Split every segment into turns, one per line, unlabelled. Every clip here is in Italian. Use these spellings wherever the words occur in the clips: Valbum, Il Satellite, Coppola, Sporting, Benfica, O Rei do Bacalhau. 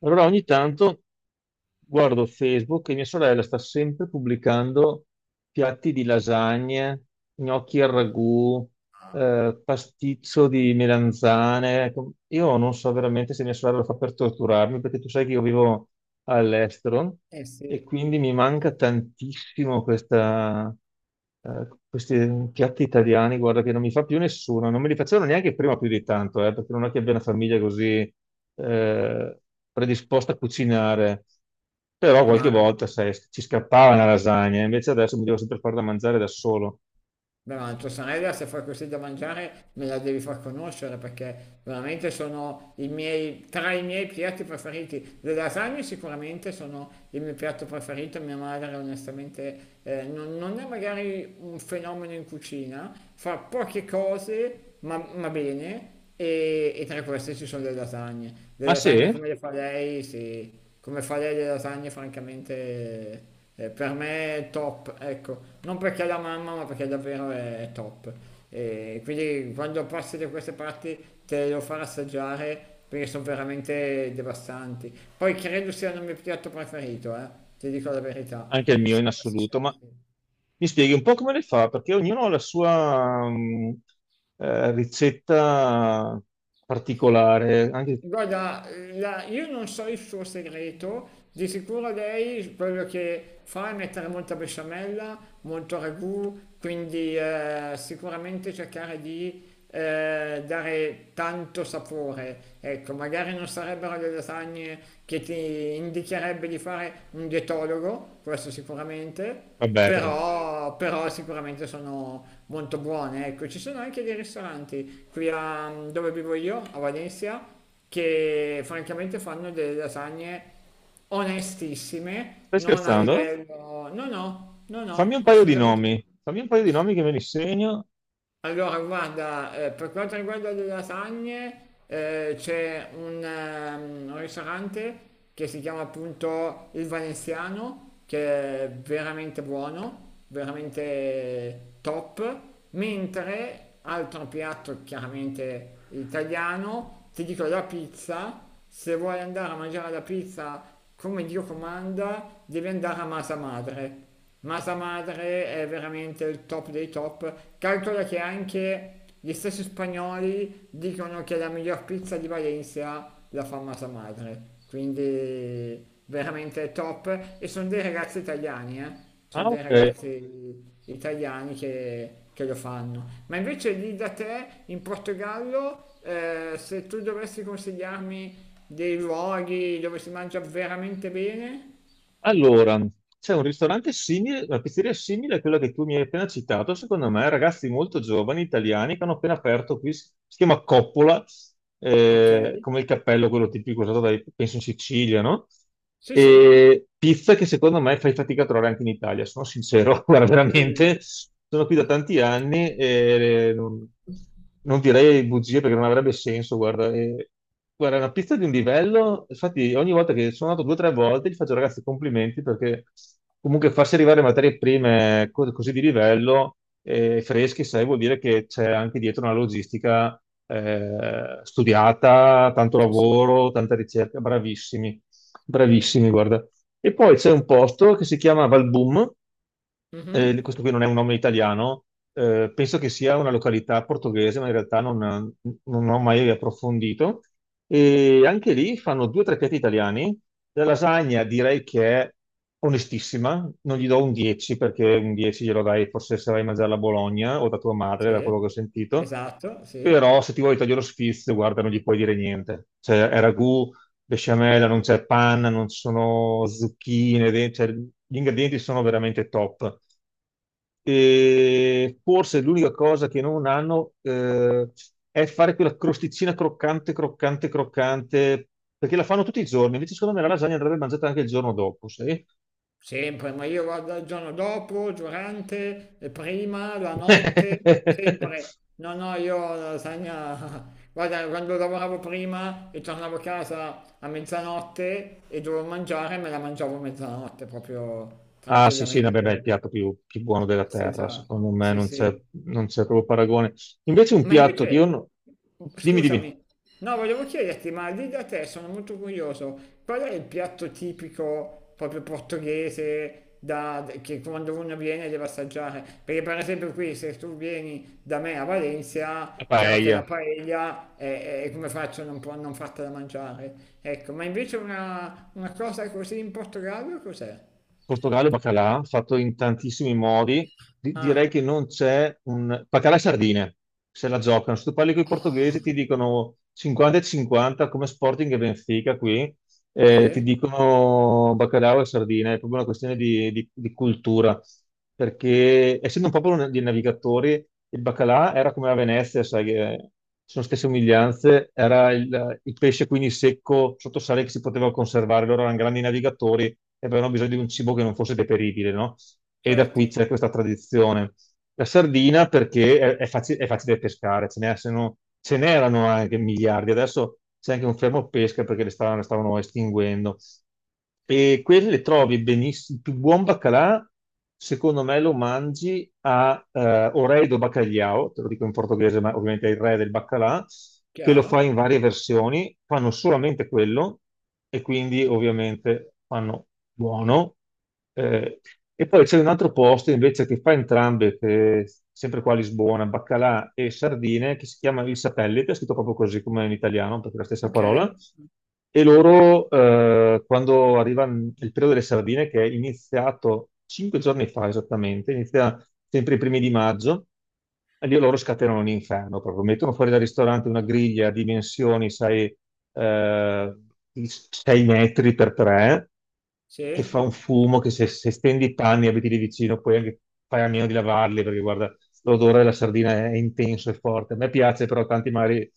Allora ogni tanto guardo Facebook e mia sorella sta sempre pubblicando piatti di lasagne, gnocchi al ragù, pasticcio di melanzane. Ecco, io non so veramente se mia sorella lo fa per torturarmi, perché tu sai che io vivo all'estero
Eh
e
sì,
quindi mi manca tantissimo questi piatti italiani, guarda che non mi fa più nessuno, non me li facevano neanche prima più di tanto, perché non è che abbia una famiglia così eh, predisposta a cucinare, però qualche
ma,
volta sai, ci scappava una lasagna, invece adesso mi devo sempre fare da mangiare da solo.
beh, ma tua sorella se fai così da mangiare me la devi far conoscere perché veramente sono tra i miei piatti preferiti. Le lasagne sicuramente sono il mio piatto preferito. Mia madre onestamente non è magari un fenomeno in cucina, fa poche cose ma bene e tra queste ci sono le lasagne. Le
Ah,
lasagne
sì?
come le fa lei, sì, come fa lei le lasagne francamente... Per me è top, ecco, non perché è la mamma, ma perché davvero è top. E quindi quando passi da queste parti te lo farò assaggiare perché sono veramente devastanti. Poi credo sia il mio piatto preferito, ti dico la verità,
Anche il mio
se
in
dovessi
assoluto,
scegliere
ma
sì.
mi spieghi un po' come le fa, perché ognuno ha la sua ricetta particolare, anche
Guarda, io non so il suo segreto. Di sicuro lei quello che fa è mettere molta besciamella, molto ragù, quindi sicuramente cercare di dare tanto sapore. Ecco, magari non sarebbero le lasagne che ti indicherebbe di fare un dietologo, questo sicuramente,
vabbè, però.
però sicuramente sono molto buone. Ecco, ci sono anche dei ristoranti dove vivo io, a Valencia, che francamente fanno delle lasagne onestissime,
Stai
non a
scherzando?
livello... No, no, no,
Fammi
no,
un paio di
assolutamente.
nomi. Fammi un paio di nomi che me li segno.
Allora, guarda, per quanto riguarda le lasagne, un ristorante che si chiama appunto Il Valenziano, che è veramente buono, veramente top, mentre altro piatto chiaramente italiano, ti dico la pizza. Se vuoi andare a mangiare la pizza come Dio comanda, devi andare a Masa Madre. Masa Madre è veramente il top dei top. Calcola che anche gli stessi spagnoli dicono che la miglior pizza di Valencia la fa Masa Madre. Quindi veramente top. E sono dei ragazzi italiani, eh. Sono
Ah,
dei
ok.
ragazzi italiani che lo fanno. Ma invece lì da te, in Portogallo, se tu dovessi consigliarmi dei luoghi dove si mangia veramente bene?
Allora, c'è un ristorante simile, una pizzeria simile a quella che tu mi hai appena citato, secondo me, ragazzi molto giovani, italiani, che hanno appena aperto qui, si chiama Coppola,
Ok,
come il cappello, quello tipico usato dai, penso in Sicilia, no?
sì, sì.
E pizza che secondo me fai fatica a trovare anche in Italia, sono sincero, guarda,
Eh,
veramente, sono qui da tanti anni e non direi bugie perché non avrebbe senso, guarda. Guarda, è una pizza di un livello, infatti ogni volta che sono andato due o tre volte gli faccio ragazzi complimenti perché comunque farsi arrivare materie prime così di livello, fresche, sai, vuol dire che c'è anche dietro una logistica studiata, tanto
sì, sì.
lavoro, tanta ricerca, bravissimi, bravissimi, guarda. E poi c'è un posto che si chiama Valbum,
Mhm.
questo qui non è un nome italiano, penso che sia una località portoghese, ma in realtà non ho mai approfondito. E anche lì fanno due o tre piatti italiani. La lasagna direi che è onestissima, non gli do un 10 perché un 10 glielo dai forse se vai a mangiarla a Bologna o da tua
Sì,
madre, da quello che ho sentito.
esatto,
Però
sì.
se ti vuoi tagliare lo sfizio, guarda, non gli puoi dire niente. Cioè, è ragù, besciamella, non c'è panna, non ci sono zucchine, cioè, gli ingredienti sono veramente top. E forse l'unica cosa che non hanno è fare quella crosticina croccante, croccante, croccante, perché la fanno tutti i giorni, invece secondo me la lasagna andrebbe mangiata anche il giorno dopo, sai?
Sempre, ma io vado il giorno dopo, durante, e prima, la notte, sempre. No, no, io la lasagna... Guarda, quando lavoravo prima e tornavo a casa a mezzanotte e dovevo mangiare, me la mangiavo a mezzanotte proprio
Ah, sì, sì, vabbè,
tranquillamente,
beh, è il
ecco.
piatto più buono della terra,
Senza,
secondo me
sì,
non c'è
sì.
non c'è proprio paragone. Invece un
Ma
piatto che
invece,
io... Dimmi, dimmi,
scusami, no, volevo chiederti, ma lì da te sono molto curioso, qual è il piatto tipico proprio portoghese che quando uno viene deve assaggiare? Perché per esempio qui, se tu vieni da me a
la
Valencia, chiaro che la
paella.
paella è come faccio a non, non fartela mangiare. Ecco, ma invece una cosa così in Portogallo cos'è?
Portogallo e baccalà, fatto in tantissimi modi. Direi
Ah,
che non c'è un... Baccalà e sardine, se la giocano. Se tu parli con i portoghesi ti
ah,
dicono 50 e 50 come Sporting e Benfica qui, ti
sì,
dicono baccalà e sardine, è proprio una questione di cultura, perché essendo un popolo di navigatori, il baccalà era come a Venezia, sai, che sono stesse somiglianze, era il pesce quindi secco sotto sale che si poteva conservare, loro erano grandi navigatori e avevano bisogno di un cibo che non fosse deperibile, no? E da qui
certo,
c'è questa tradizione. La sardina perché è facile pescare, ce n'è- se no- ce n'erano anche miliardi, adesso c'è anche un fermo pesca perché le stavano estinguendo e quelle trovi benissimo. Il più buon baccalà, secondo me, lo mangi a o rei do Bacalhau, te lo dico in portoghese, ma ovviamente è il re del baccalà, che lo fa
chiaro,
in varie versioni. Fanno solamente quello e quindi, ovviamente, fanno buono. Eh, e poi c'è un altro posto invece che fa entrambe, che è sempre qua a Lisbona, baccalà e sardine, che si chiama Il Satellite, è scritto proprio così come in italiano, perché è la stessa
ok,
parola. E loro, quando arriva il periodo delle sardine, che è iniziato 5 giorni fa esattamente, inizia sempre i primi di maggio, e lì loro scatenano l'inferno, proprio mettono fuori dal ristorante una griglia a dimensioni, sai, eh, 6 metri per 3, che fa
sì.
un fumo che se, stendi i panni e abiti lì vicino puoi anche fare a meno di lavarli perché guarda l'odore della sardina è intenso e forte. A me piace però tanti mari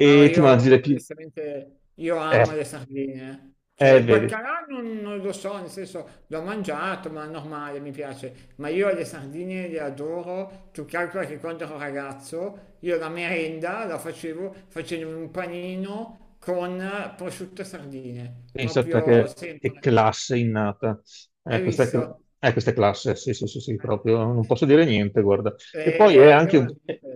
No,
ti mangi
io
le più...
onestamente io amo
Eh,
le sardine. Cioè, il
vedi.
baccalà non lo so, nel senso l'ho mangiato, ma è normale, mi piace. Ma io le sardine le adoro. Tu calcola che quando ero ragazzo, io la merenda la facevo facendo un panino con prosciutto e sardine.
Pensa a te
Proprio
che
sempre.
classe innata. Eh,
Hai
questa, è
visto?
cl- questa è classe, sì, sì, sì, sì, proprio. Non posso dire niente, guarda. E poi
E io veramente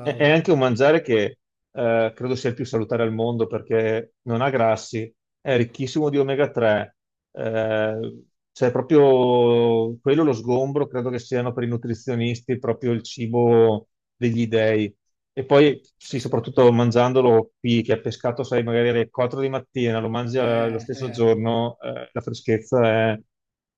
è anche un mangiare che credo sia il più salutare al mondo perché non ha grassi, è ricchissimo di omega 3. Eh, cioè, proprio quello lo sgombro, credo che siano per i nutrizionisti proprio il cibo degli dèi. E poi,
Sì,
sì,
sì.
soprattutto mangiandolo qui, che è pescato, sai, magari alle 4 di mattina, lo mangi lo stesso
Eh.
giorno, la freschezza è,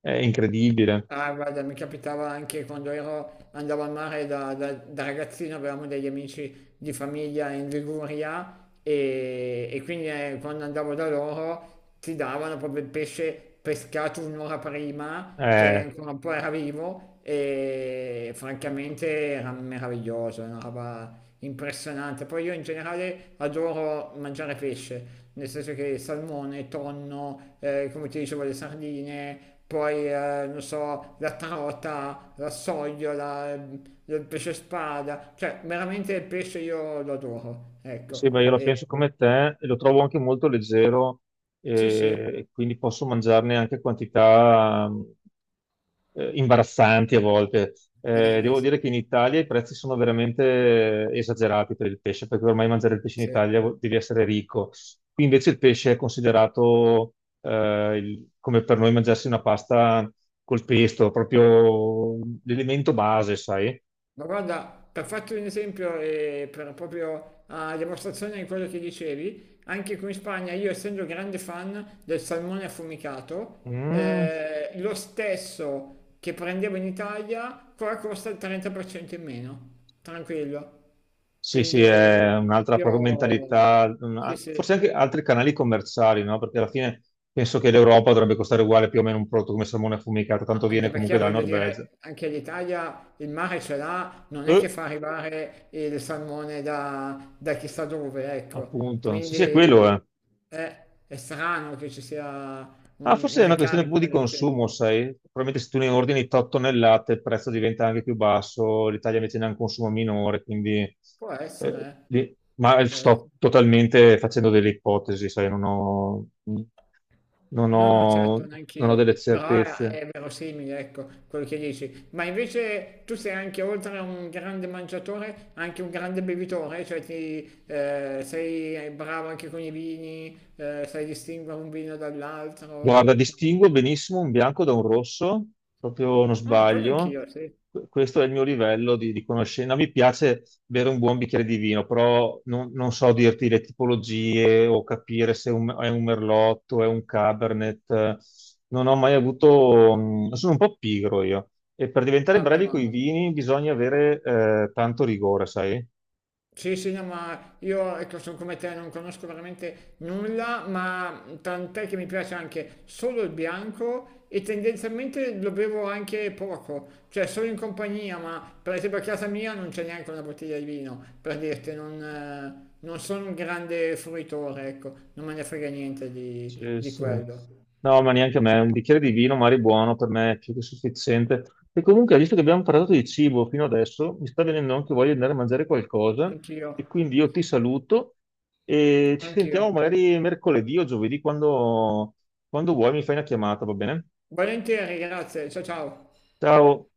è incredibile.
Ah, guarda, mi capitava anche quando ero, andavo al mare da ragazzino. Avevamo degli amici di famiglia in Liguria e quindi quando andavo da loro ti davano proprio il pesce pescato un'ora prima, che
Eh,
ancora un po' era vivo e francamente era meraviglioso, era una roba impressionante. Poi io in generale adoro mangiare pesce, nel senso che salmone, tonno, come ti dicevo, le sardine, poi non so, la trota, la sogliola, il pesce spada, cioè veramente il pesce io lo adoro,
Sì, sì,
ecco.
beh, io la penso
E,
come te e lo trovo anche molto leggero
sì, sì,
e quindi posso mangiarne anche quantità imbarazzanti a volte. Eh, devo dire
sì,
che in Italia i prezzi sono veramente esagerati per il pesce, perché ormai mangiare il pesce in
sì.
Italia devi essere ricco. Qui invece il pesce è considerato come per noi mangiarsi una pasta col pesto, proprio l'elemento base, sai?
Ma guarda, per farti un esempio e per proprio a dimostrazione di quello che dicevi, anche qui in Spagna, io essendo grande fan del salmone affumicato,
Mm.
lo stesso che prendevo in Italia, qua costa il 30% in meno, tranquillo.
Sì, sì, è
Quindi
un'altra proprio
proprio...
mentalità,
Sì,
forse
sì.
anche altri canali commerciali, no? Perché alla fine penso che l'Europa dovrebbe costare uguale più o meno un prodotto come salmone affumicato,
Ma
tanto
anche
viene comunque
perché
dalla
voglio
Norvegia.
dire, anche l'Italia il mare ce l'ha, non è che
Eh,
fa arrivare il salmone da chissà dove, ecco.
appunto, sì, sì, è quello,
Quindi
eh.
è strano che ci sia
Ah, forse
un
è una questione
ricarico
proprio di
del genere.
consumo, sai? Probabilmente se tu ne ordini 8 tonnellate il prezzo diventa anche più basso, l'Italia invece ne ha un consumo minore, quindi...
Può
eh,
essere, eh.
di- Ma
Può
sto
essere.
totalmente facendo delle ipotesi, sai? Non
No, no,
ho,
certo,
non ho delle
neanch'io, però
certezze.
è verosimile, ecco, quello che dici. Ma invece tu sei anche, oltre a un grande mangiatore, anche un grande bevitore, cioè ti, sei bravo anche con i vini, sai distinguere un vino
Guarda,
dall'altro.
distingo benissimo un bianco da un rosso, proprio non
Ah, quello
sbaglio.
anch'io, sì.
Questo è il mio livello di conoscenza. Mi piace bere un buon bicchiere di vino, però non so dirti le tipologie o capire se è un merlotto, è un cabernet. Non ho mai avuto... Sono un po' pigro io. E per diventare
Vabbè,
brevi con i
ma...
vini bisogna avere tanto rigore, sai?
Sì, sì, no, ma io ecco, sono come te, non conosco veramente nulla, ma tant'è che mi piace anche solo il bianco e tendenzialmente lo bevo anche poco, cioè solo in compagnia, ma per esempio a casa mia non c'è neanche una bottiglia di vino, per dirti, non sono un grande fruitore, ecco, non me ne frega niente
Sì,
di
sì.
quello.
No, ma neanche a me, un bicchiere di vino, magari buono, per me è più che sufficiente. E comunque, visto che abbiamo parlato di cibo fino adesso, mi sta venendo anche voglia di andare a mangiare qualcosa
Anch'io,
e quindi io ti saluto e ci
anch'io.
sentiamo magari mercoledì o giovedì quando vuoi, mi fai una chiamata, va bene?
Volentieri, grazie, ciao ciao.
Ciao!